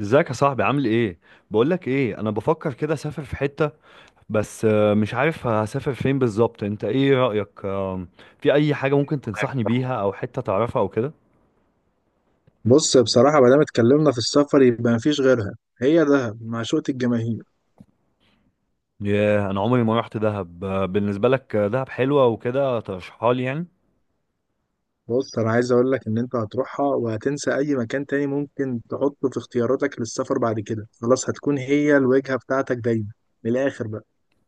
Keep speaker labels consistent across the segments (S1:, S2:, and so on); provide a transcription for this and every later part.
S1: ازيك يا صاحبي، عامل ايه؟ بقولك ايه، انا بفكر كده اسافر في حتة. بس مش عارف هسافر فين بالظبط. انت ايه رأيك؟ في اي حاجة ممكن تنصحني بيها او حتة تعرفها او كده؟
S2: بص، بصراحة ما دام اتكلمنا في السفر يبقى مفيش غيرها. هي دهب معشوقة الجماهير.
S1: ياه، انا عمري ما رحت دهب. بالنسبة لك دهب حلوة وكده، ترشحها لي يعني؟
S2: بص، أنا عايز أقول لك إن أنت هتروحها وهتنسى أي مكان تاني ممكن تحطه في اختياراتك للسفر بعد كده. خلاص، هتكون هي الوجهة بتاعتك دايما. من الآخر بقى.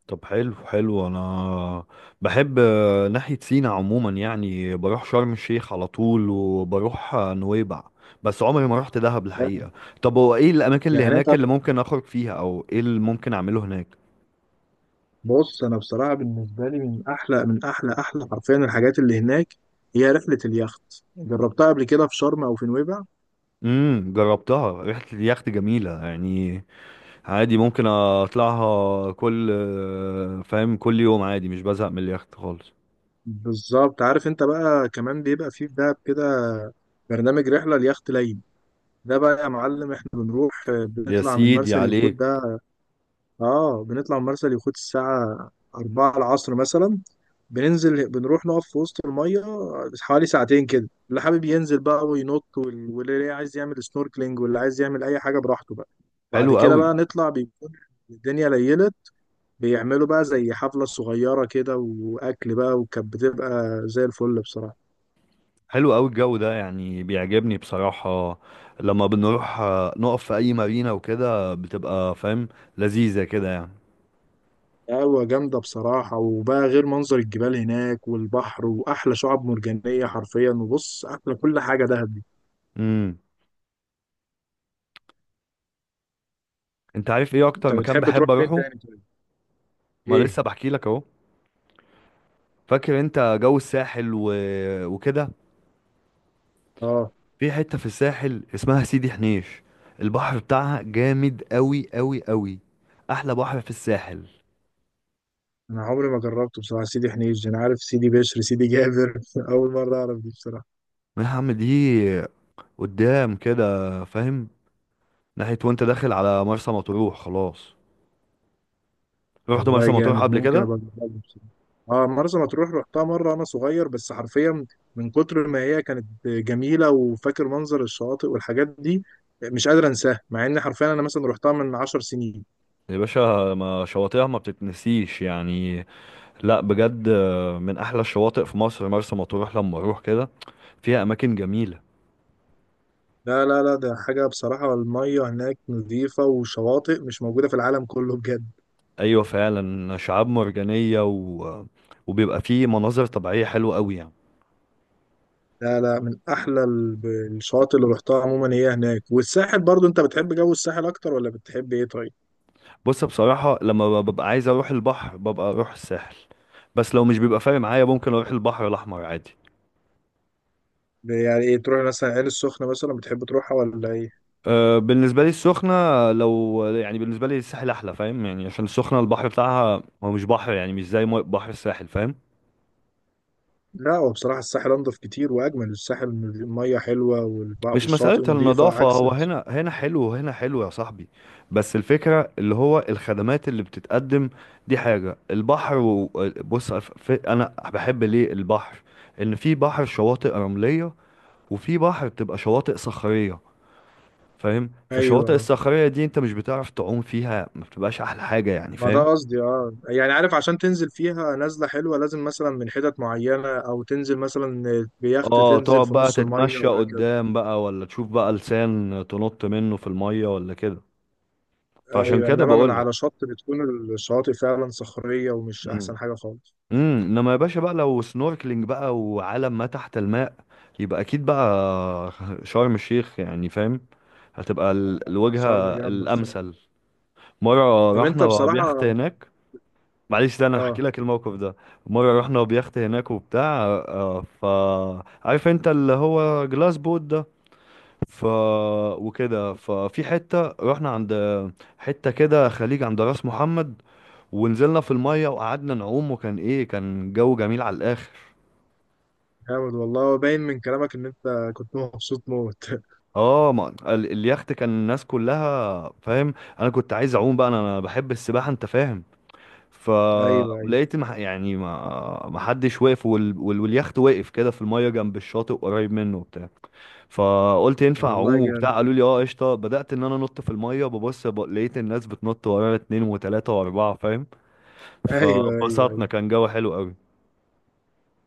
S1: طب حلو حلو. انا بحب ناحية سينا عموما، يعني بروح شرم الشيخ على طول وبروح نويبع. بس عمري ما رحت دهب
S2: فاهم؟
S1: الحقيقة. طب هو ايه الاماكن اللي
S2: يعني أنت...
S1: هناك اللي ممكن اخرج فيها او ايه اللي ممكن اعمله هناك؟
S2: بص، أنا بصراحة بالنسبة لي من أحلى حرفيا الحاجات اللي هناك هي رحلة اليخت. جربتها قبل كده في شرم أو في نويبع.
S1: امم، جربتها، ريحة اليخت جميلة يعني. عادي ممكن اطلعها، كل فاهم، كل يوم، عادي مش بزهق من اليخت خالص.
S2: بالظبط. عارف أنت بقى كمان بيبقى فيه في دهب كده برنامج رحلة اليخت ليلي. ده بقى يا معلم احنا بنروح،
S1: يا
S2: بنطلع من
S1: سيدي
S2: مرسى اليخوت
S1: عليك.
S2: ده. اه، بنطلع من مرسى اليخوت الساعة 4 العصر مثلا. بننزل بنروح نقف في وسط المية حوالي ساعتين كده، اللي حابب ينزل بقى وينط، واللي عايز يعمل سنوركلينج واللي عايز يعمل أي حاجة براحته بقى. بعد
S1: حلو
S2: كده
S1: قوي.
S2: بقى نطلع، بيكون الدنيا ليلت، بيعملوا بقى زي حفلة صغيرة كده وأكل بقى، وكانت بتبقى زي الفل بصراحة.
S1: حلو قوي الجو ده، يعني بيعجبني بصراحة. لما بنروح نقف في اي مارينا وكده، بتبقى فاهم، لذيذة كده يعني.
S2: قهوة جامدة بصراحة. وبقى غير منظر الجبال هناك والبحر وأحلى شعاب مرجانية حرفيا. وبص، أحلى كل حاجة دهب دي.
S1: امم. انت عارف ايه اكتر
S2: أنت
S1: مكان
S2: بتحب تروح
S1: بحب
S2: فين
S1: اروحه؟
S2: تاني طيب؟
S1: ما
S2: إيه؟
S1: لسه بحكي لك اهو. فاكر انت جو الساحل وكده؟
S2: آه.
S1: في حتة في الساحل اسمها سيدي حنيش. البحر بتاعها جامد قوي قوي قوي. احلى بحر في الساحل.
S2: أنا عمري ما جربته بصراحة. سيدي حنيش؟ أنا عارف سيدي بشر، سيدي جابر. أول مرة أعرف دي بصراحة.
S1: نعم، دي قدام كده، فاهم، ناحية وانت داخل على مرسى مطروح خلاص. رحت
S2: والله
S1: مرسى مطروح
S2: جامد،
S1: قبل
S2: ممكن
S1: كده؟
S2: أبقى أجربها بصراحة. آه، مرسى مطروح رحتها مرة أنا صغير، بس حرفيا من كتر ما هي كانت جميلة وفاكر منظر الشواطئ والحاجات دي، مش قادر أنساها، مع إن حرفيا أنا مثلا رحتها من عشر سنين.
S1: يا باشا، ما شواطئها ما بتتنسيش يعني. لا بجد، من احلى الشواطئ في مصر مرسى مطروح. لما اروح كده، فيها اماكن جميلة.
S2: لا لا لا، ده حاجة بصراحة. المية هناك نظيفة، وشواطئ مش موجودة في العالم كله بجد.
S1: ايوه فعلا، شعاب مرجانية وبيبقى فيه مناظر طبيعية حلوة قوي يعني.
S2: لا لا، من أحلى الشواطئ اللي رحتها عموما هي هناك. والساحل برضو، أنت بتحب جو الساحل أكتر ولا بتحب إيه طيب؟
S1: بص بصراحة، لما ببقى عايز اروح البحر، ببقى اروح الساحل. بس لو مش بيبقى فارق معايا، ممكن اروح البحر الاحمر عادي.
S2: يعني إيه، تروح مثلا عين السخنة مثلا، بتحب تروحها ولا إيه؟
S1: أه، بالنسبة لي السخنة لو يعني، بالنسبة لي الساحل احلى فاهم يعني، عشان السخنة البحر بتاعها هو مش بحر يعني، مش زي بحر الساحل، فاهم.
S2: لا، هو بصراحة الساحل أنضف كتير وأجمل. الساحل المية حلوة
S1: مش مسألة
S2: والشواطئ نظيفة،
S1: النظافة،
S2: عكس
S1: هو هنا هنا حلو وهنا حلو يا صاحبي، بس الفكرة اللي هو الخدمات اللي بتتقدم. دي حاجة البحر. و... بص انا بحب ليه البحر؟ ان في بحر شواطئ رملية، وفي بحر بتبقى شواطئ صخرية، فاهم. فالشواطئ
S2: أيوه،
S1: الصخرية دي انت مش بتعرف تعوم فيها، ما بتبقاش احلى حاجة يعني
S2: ما ده
S1: فاهم.
S2: قصدي، اه يعني عارف، عشان تنزل فيها نزلة حلوة لازم مثلا من حتت معينة، أو تنزل مثلا بيخت
S1: اه،
S2: تنزل
S1: تقعد
S2: في
S1: بقى
S2: نص المية،
S1: تتمشى
S2: وهكذا.
S1: قدام بقى، ولا تشوف بقى لسان تنط منه في المية، ولا كده. فعشان
S2: أيوة،
S1: كده
S2: إنما من
S1: بقولك.
S2: على شط بتكون الشواطئ فعلا صخرية، ومش
S1: امم
S2: أحسن حاجة خالص.
S1: امم انما يا باشا بقى، لو سنوركلينج بقى وعالم ما تحت الماء، يبقى اكيد بقى. شرم الشيخ يعني فاهم، هتبقى
S2: شرم
S1: الوجهة
S2: جامدة بصراحة.
S1: الامثل. مرة
S2: طب أنت
S1: رحنا بيخت
S2: بصراحة...
S1: هناك. معلش، ده انا هحكي
S2: اه،
S1: لك الموقف ده. مره رحنا بيخت هناك وبتاع، آه، ف عارف انت اللي هو جلاس بوت ده. ف وكده، ففي حته رحنا عند حته كده، خليج عند راس محمد، ونزلنا في الميه وقعدنا نعوم، وكان ايه، كان جو جميل على الاخر.
S2: جامد والله، باين من كلامك إن أنت كنت مبسوط موت.
S1: اه، ما اليخت كان الناس كلها فاهم. انا كنت عايز اعوم بقى، انا بحب السباحه انت فاهم.
S2: أيوة أيوة.
S1: فلقيت يعني ما حدش واقف، واليخت واقف كده في الميه جنب الشاطئ قريب منه، وبتاع. فقلت ينفع
S2: والله
S1: اعوم
S2: جامد.
S1: وبتاع؟ قالوا لي اه قشطه، بدات ان انا انط في الميه، ببص لقيت الناس بتنط ورانا، اتنين وتلاته واربعه، فاهم.
S2: أيوة أيوة أيوه.
S1: فبسطنا، كان جو حلو قوي.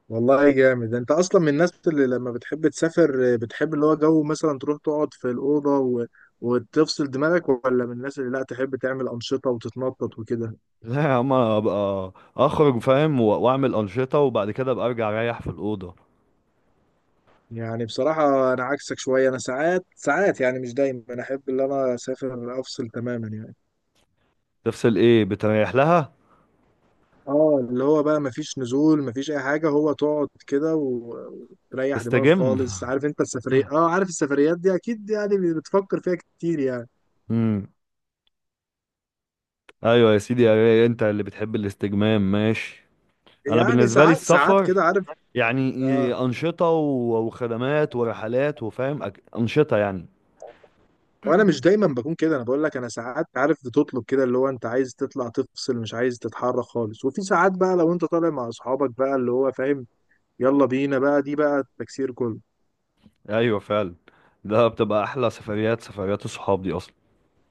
S2: والله جامد. انت اصلا من الناس اللي لما بتحب تسافر بتحب اللي هو جو، مثلا تروح تقعد في الاوضه وتفصل دماغك، ولا من الناس اللي لا، تحب تعمل انشطه وتتنطط وكده؟
S1: لا يا عم، أنا ابقى اخرج فاهم، و... واعمل انشطه، وبعد كده ابقى ارجع اريح في الاوضه.
S2: يعني بصراحه انا عكسك شويه. انا ساعات ساعات يعني، مش دايما، انا احب ان انا اسافر افصل تماما يعني.
S1: تفصل ايه؟ بتريح لها،
S2: اه، اللي هو بقى مفيش نزول مفيش اي حاجه، هو تقعد كده وتريح دماغك
S1: تستجم.
S2: خالص. عارف انت السفريه، اه عارف السفريات دي اكيد يعني بتفكر فيها كتير يعني.
S1: امم. ايوه يا سيدي يا ري، انت اللي بتحب الاستجمام، ماشي. انا
S2: يعني
S1: بالنسبه لي
S2: ساعات ساعات
S1: السفر،
S2: كده عارف.
S1: يعني
S2: آه.
S1: انشطه وخدمات ورحلات وفاهم، انشطه يعني.
S2: وانا مش دايما بكون كده. انا بقول لك انا ساعات عارف بتطلب كده اللي هو انت عايز تطلع تفصل، مش عايز تتحرك خالص. وفي ساعات بقى لو انت طالع مع اصحابك بقى اللي هو فاهم، يلا بينا بقى، دي بقى التكسير كله.
S1: ايوه فعلا، ده بتبقى احلى سفريات، سفريات الصحاب دي اصلا.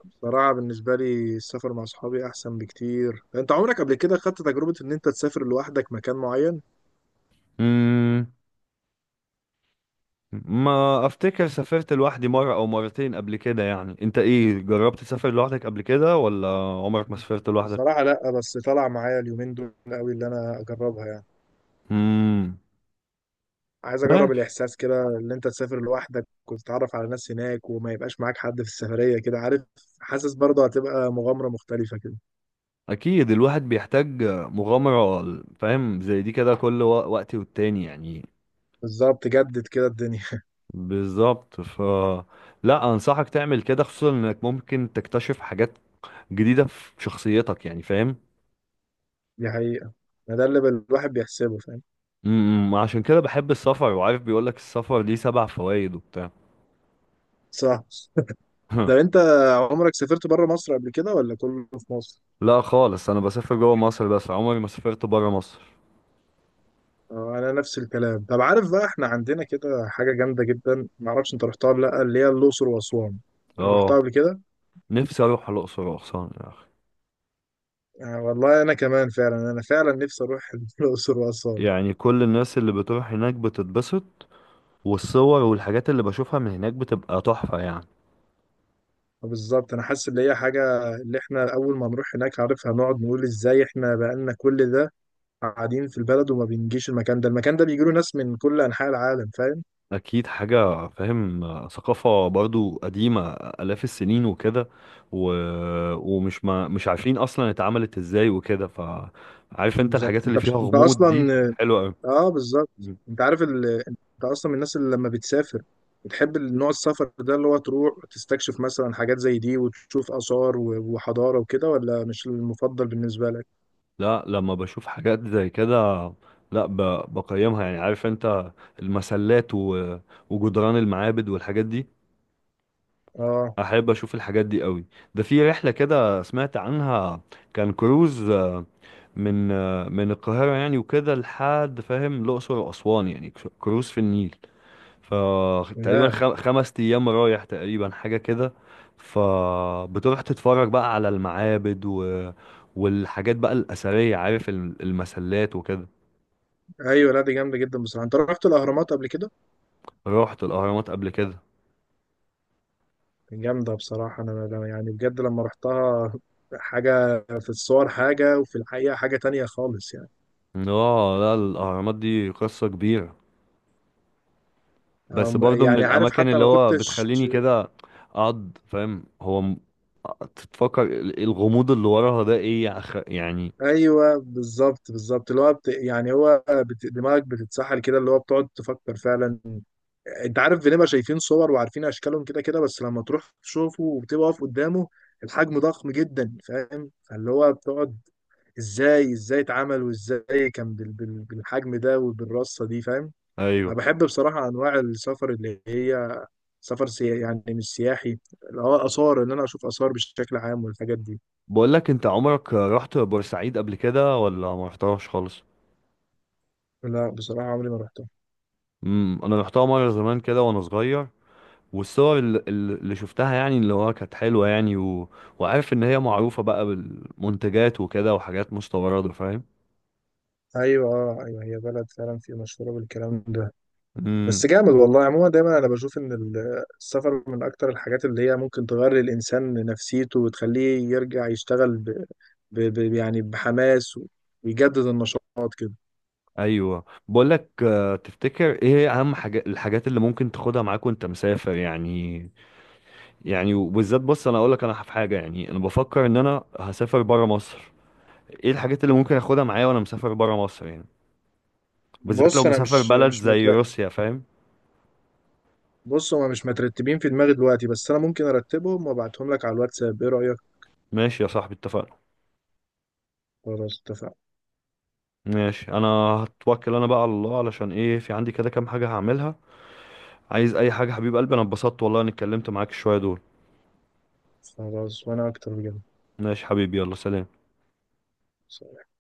S2: بصراحة بالنسبة لي السفر مع اصحابي احسن بكتير. انت عمرك قبل كده خدت تجربة ان انت تسافر لوحدك مكان معين؟
S1: امم. ما افتكر سافرت لوحدي مره او مرتين قبل كده يعني. انت ايه، جربت تسافر لوحدك قبل كده، ولا عمرك ما سافرت لوحدك؟
S2: بصراحة لا، بس طلع معايا اليومين دول قوي اللي انا اجربها يعني.
S1: امم.
S2: عايز اجرب
S1: ماشي.
S2: الاحساس كده، ان انت تسافر لوحدك وتتعرف على ناس هناك وما يبقاش معاك حد في السفرية كده عارف. حاسس برضه هتبقى مغامرة مختلفة كده.
S1: اكيد الواحد بيحتاج مغامره فاهم، زي دي كده كل وقت والتاني يعني.
S2: بالظبط، جدد كده الدنيا.
S1: بالظبط. لا، انصحك تعمل كده خصوصا انك ممكن تكتشف حاجات جديده في شخصيتك يعني فاهم.
S2: دي حقيقة. ما ده اللي الواحد بيحسبه فاهم.
S1: امم. عشان كده بحب السفر. وعارف بيقولك السفر ليه 7 فوائد وبتاع.
S2: صح. ده انت عمرك سافرت بره مصر قبل كده ولا كله في مصر؟
S1: لا خالص، انا بسافر جوه مصر بس، عمري ما سافرت بره مصر.
S2: انا نفس الكلام. طب عارف بقى، احنا عندنا كده حاجة جامدة جدا، ما اعرفش انت رحتها ولا لا، اللي هي الاقصر واسوان. رحتها
S1: اه،
S2: قبل كده؟
S1: نفسي اروح الاقصر واسوان يا اخي.
S2: والله انا كمان فعلا، انا فعلا نفسي اروح الاقصر واسوان.
S1: يعني كل الناس اللي بتروح هناك بتتبسط، والصور والحاجات اللي بشوفها من هناك بتبقى تحفه يعني.
S2: بالظبط، انا حاسس ان هي حاجه اللي احنا اول ما نروح هناك عارف هنقعد نقول ازاي احنا بقالنا كل ده قاعدين في البلد وما بنجيش المكان ده. المكان ده بيجيله ناس من كل انحاء العالم فاهم.
S1: اكيد حاجه فاهم، ثقافه برضو قديمه الاف السنين وكده. و... ومش ما... مش عارفين اصلا اتعملت ازاي وكده، فعارف انت
S2: بالظبط.
S1: الحاجات اللي فيها
S2: انت
S1: غموض دي
S2: اصلا،
S1: حلوه أوي.
S2: اه بالظبط، انت عارف انت اصلا من الناس اللي لما بتسافر بتحب نوع السفر ده اللي هو تروح تستكشف مثلا حاجات زي دي، وتشوف آثار وحضارة وكده، ولا مش المفضل بالنسبة لك؟
S1: لا، لما بشوف حاجات زي كده، لا ب... بقيمها يعني. عارف انت المسلات وجدران المعابد والحاجات دي،
S2: اه.
S1: احب اشوف الحاجات دي قوي. ده في رحله كده سمعت عنها، كان كروز من من القاهرة يعني وكده لحد فاهم الأقصر وأسوان، يعني كروز في النيل. فتقريبا
S2: ياه.
S1: 5 أيام رايح تقريبا حاجة كده. فبتروح تتفرج بقى على المعابد والحاجات بقى الأثرية، عارف المسلات وكده.
S2: ايوه، لا دي جامدة جدا بصراحة. انت رحت الأهرامات قبل كده؟
S1: رحت الأهرامات قبل كده.
S2: جامدة بصراحة. يعني بجد لما رحتها، حاجة في الصور حاجة وفي الحقيقة حاجة تانية خالص يعني.
S1: اه لا، الأهرامات دي قصة كبيرة. بس برضو من
S2: يعني عارف
S1: الأماكن
S2: حتى
S1: اللي
S2: ما
S1: هو
S2: كنتش...
S1: بتخليني كده أقعد فاهم، هو تتفكر الغموض اللي وراها ده ايه يا يعني.
S2: أيوه بالظبط بالظبط، اللي هو يعني هو دماغك بتتسحل كده، اللي هو بتقعد تفكر فعلا. أنت عارف، بنبقى شايفين صور وعارفين أشكالهم كده كده، بس لما تروح تشوفه وبتبقى واقف قدامه الحجم ضخم جدا فاهم. فاللي هو بتقعد، إزاي إزاي اتعمل وإزاي كان بالحجم ده وبالرصة دي فاهم.
S1: ايوه.
S2: أنا بحب بصراحة أنواع السفر اللي هي سفر سياحي. يعني مش سياحي، اللي هو آثار، إن أنا أشوف آثار بشكل عام والحاجات دي.
S1: بقول لك، انت عمرك رحت بورسعيد قبل كده، ولا ما رحتهاش خالص؟
S2: لا بصراحة عمري ما رحتها.
S1: امم، انا رحتها مره زمان كده وانا صغير. والصور اللي شفتها يعني، اللي هو كانت حلوه يعني. و... وعارف ان هي معروفه بقى بالمنتجات وكده، وحاجات مستورده فاهم.
S2: أيوة، أه أيوة، هي بلد فعلا في مشهورة بالكلام ده. بس
S1: امم.
S2: جامد والله. عموما دايما أنا بشوف إن السفر من أكتر الحاجات اللي هي ممكن تغير للإنسان نفسيته وتخليه يرجع يشتغل يعني بحماس، ويجدد النشاط كده.
S1: ايوه، بقول لك، تفتكر ايه هي اهم حاجه، الحاجات اللي ممكن تاخدها معاك وانت مسافر يعني؟ يعني وبالذات، بص انا اقول لك، انا في حاجه يعني، انا بفكر ان انا هسافر بره مصر. ايه الحاجات اللي ممكن اخدها معايا وانا مسافر بره مصر يعني، بالذات لو
S2: بص، أنا
S1: مسافر
S2: مش
S1: بلد
S2: مش
S1: زي
S2: متريح.
S1: روسيا فاهم.
S2: بص، هما مش مترتبين في دماغي دلوقتي، بس انا ممكن ارتبهم وابعتهم لك على الواتساب. ايه رأيك؟
S1: ماشي يا صاحبي، اتفقنا.
S2: خلاص اتفقنا.
S1: ماشي. انا هتوكل انا بقى على الله، علشان ايه، في عندي كده كام حاجة هعملها. عايز اي حاجة حبيب قلبي، انا اتبسطت والله اني اتكلمت معاك شوية دول.
S2: خلاص وانا اكتر.
S1: ماشي حبيبي، يلا سلام.
S2: بجد.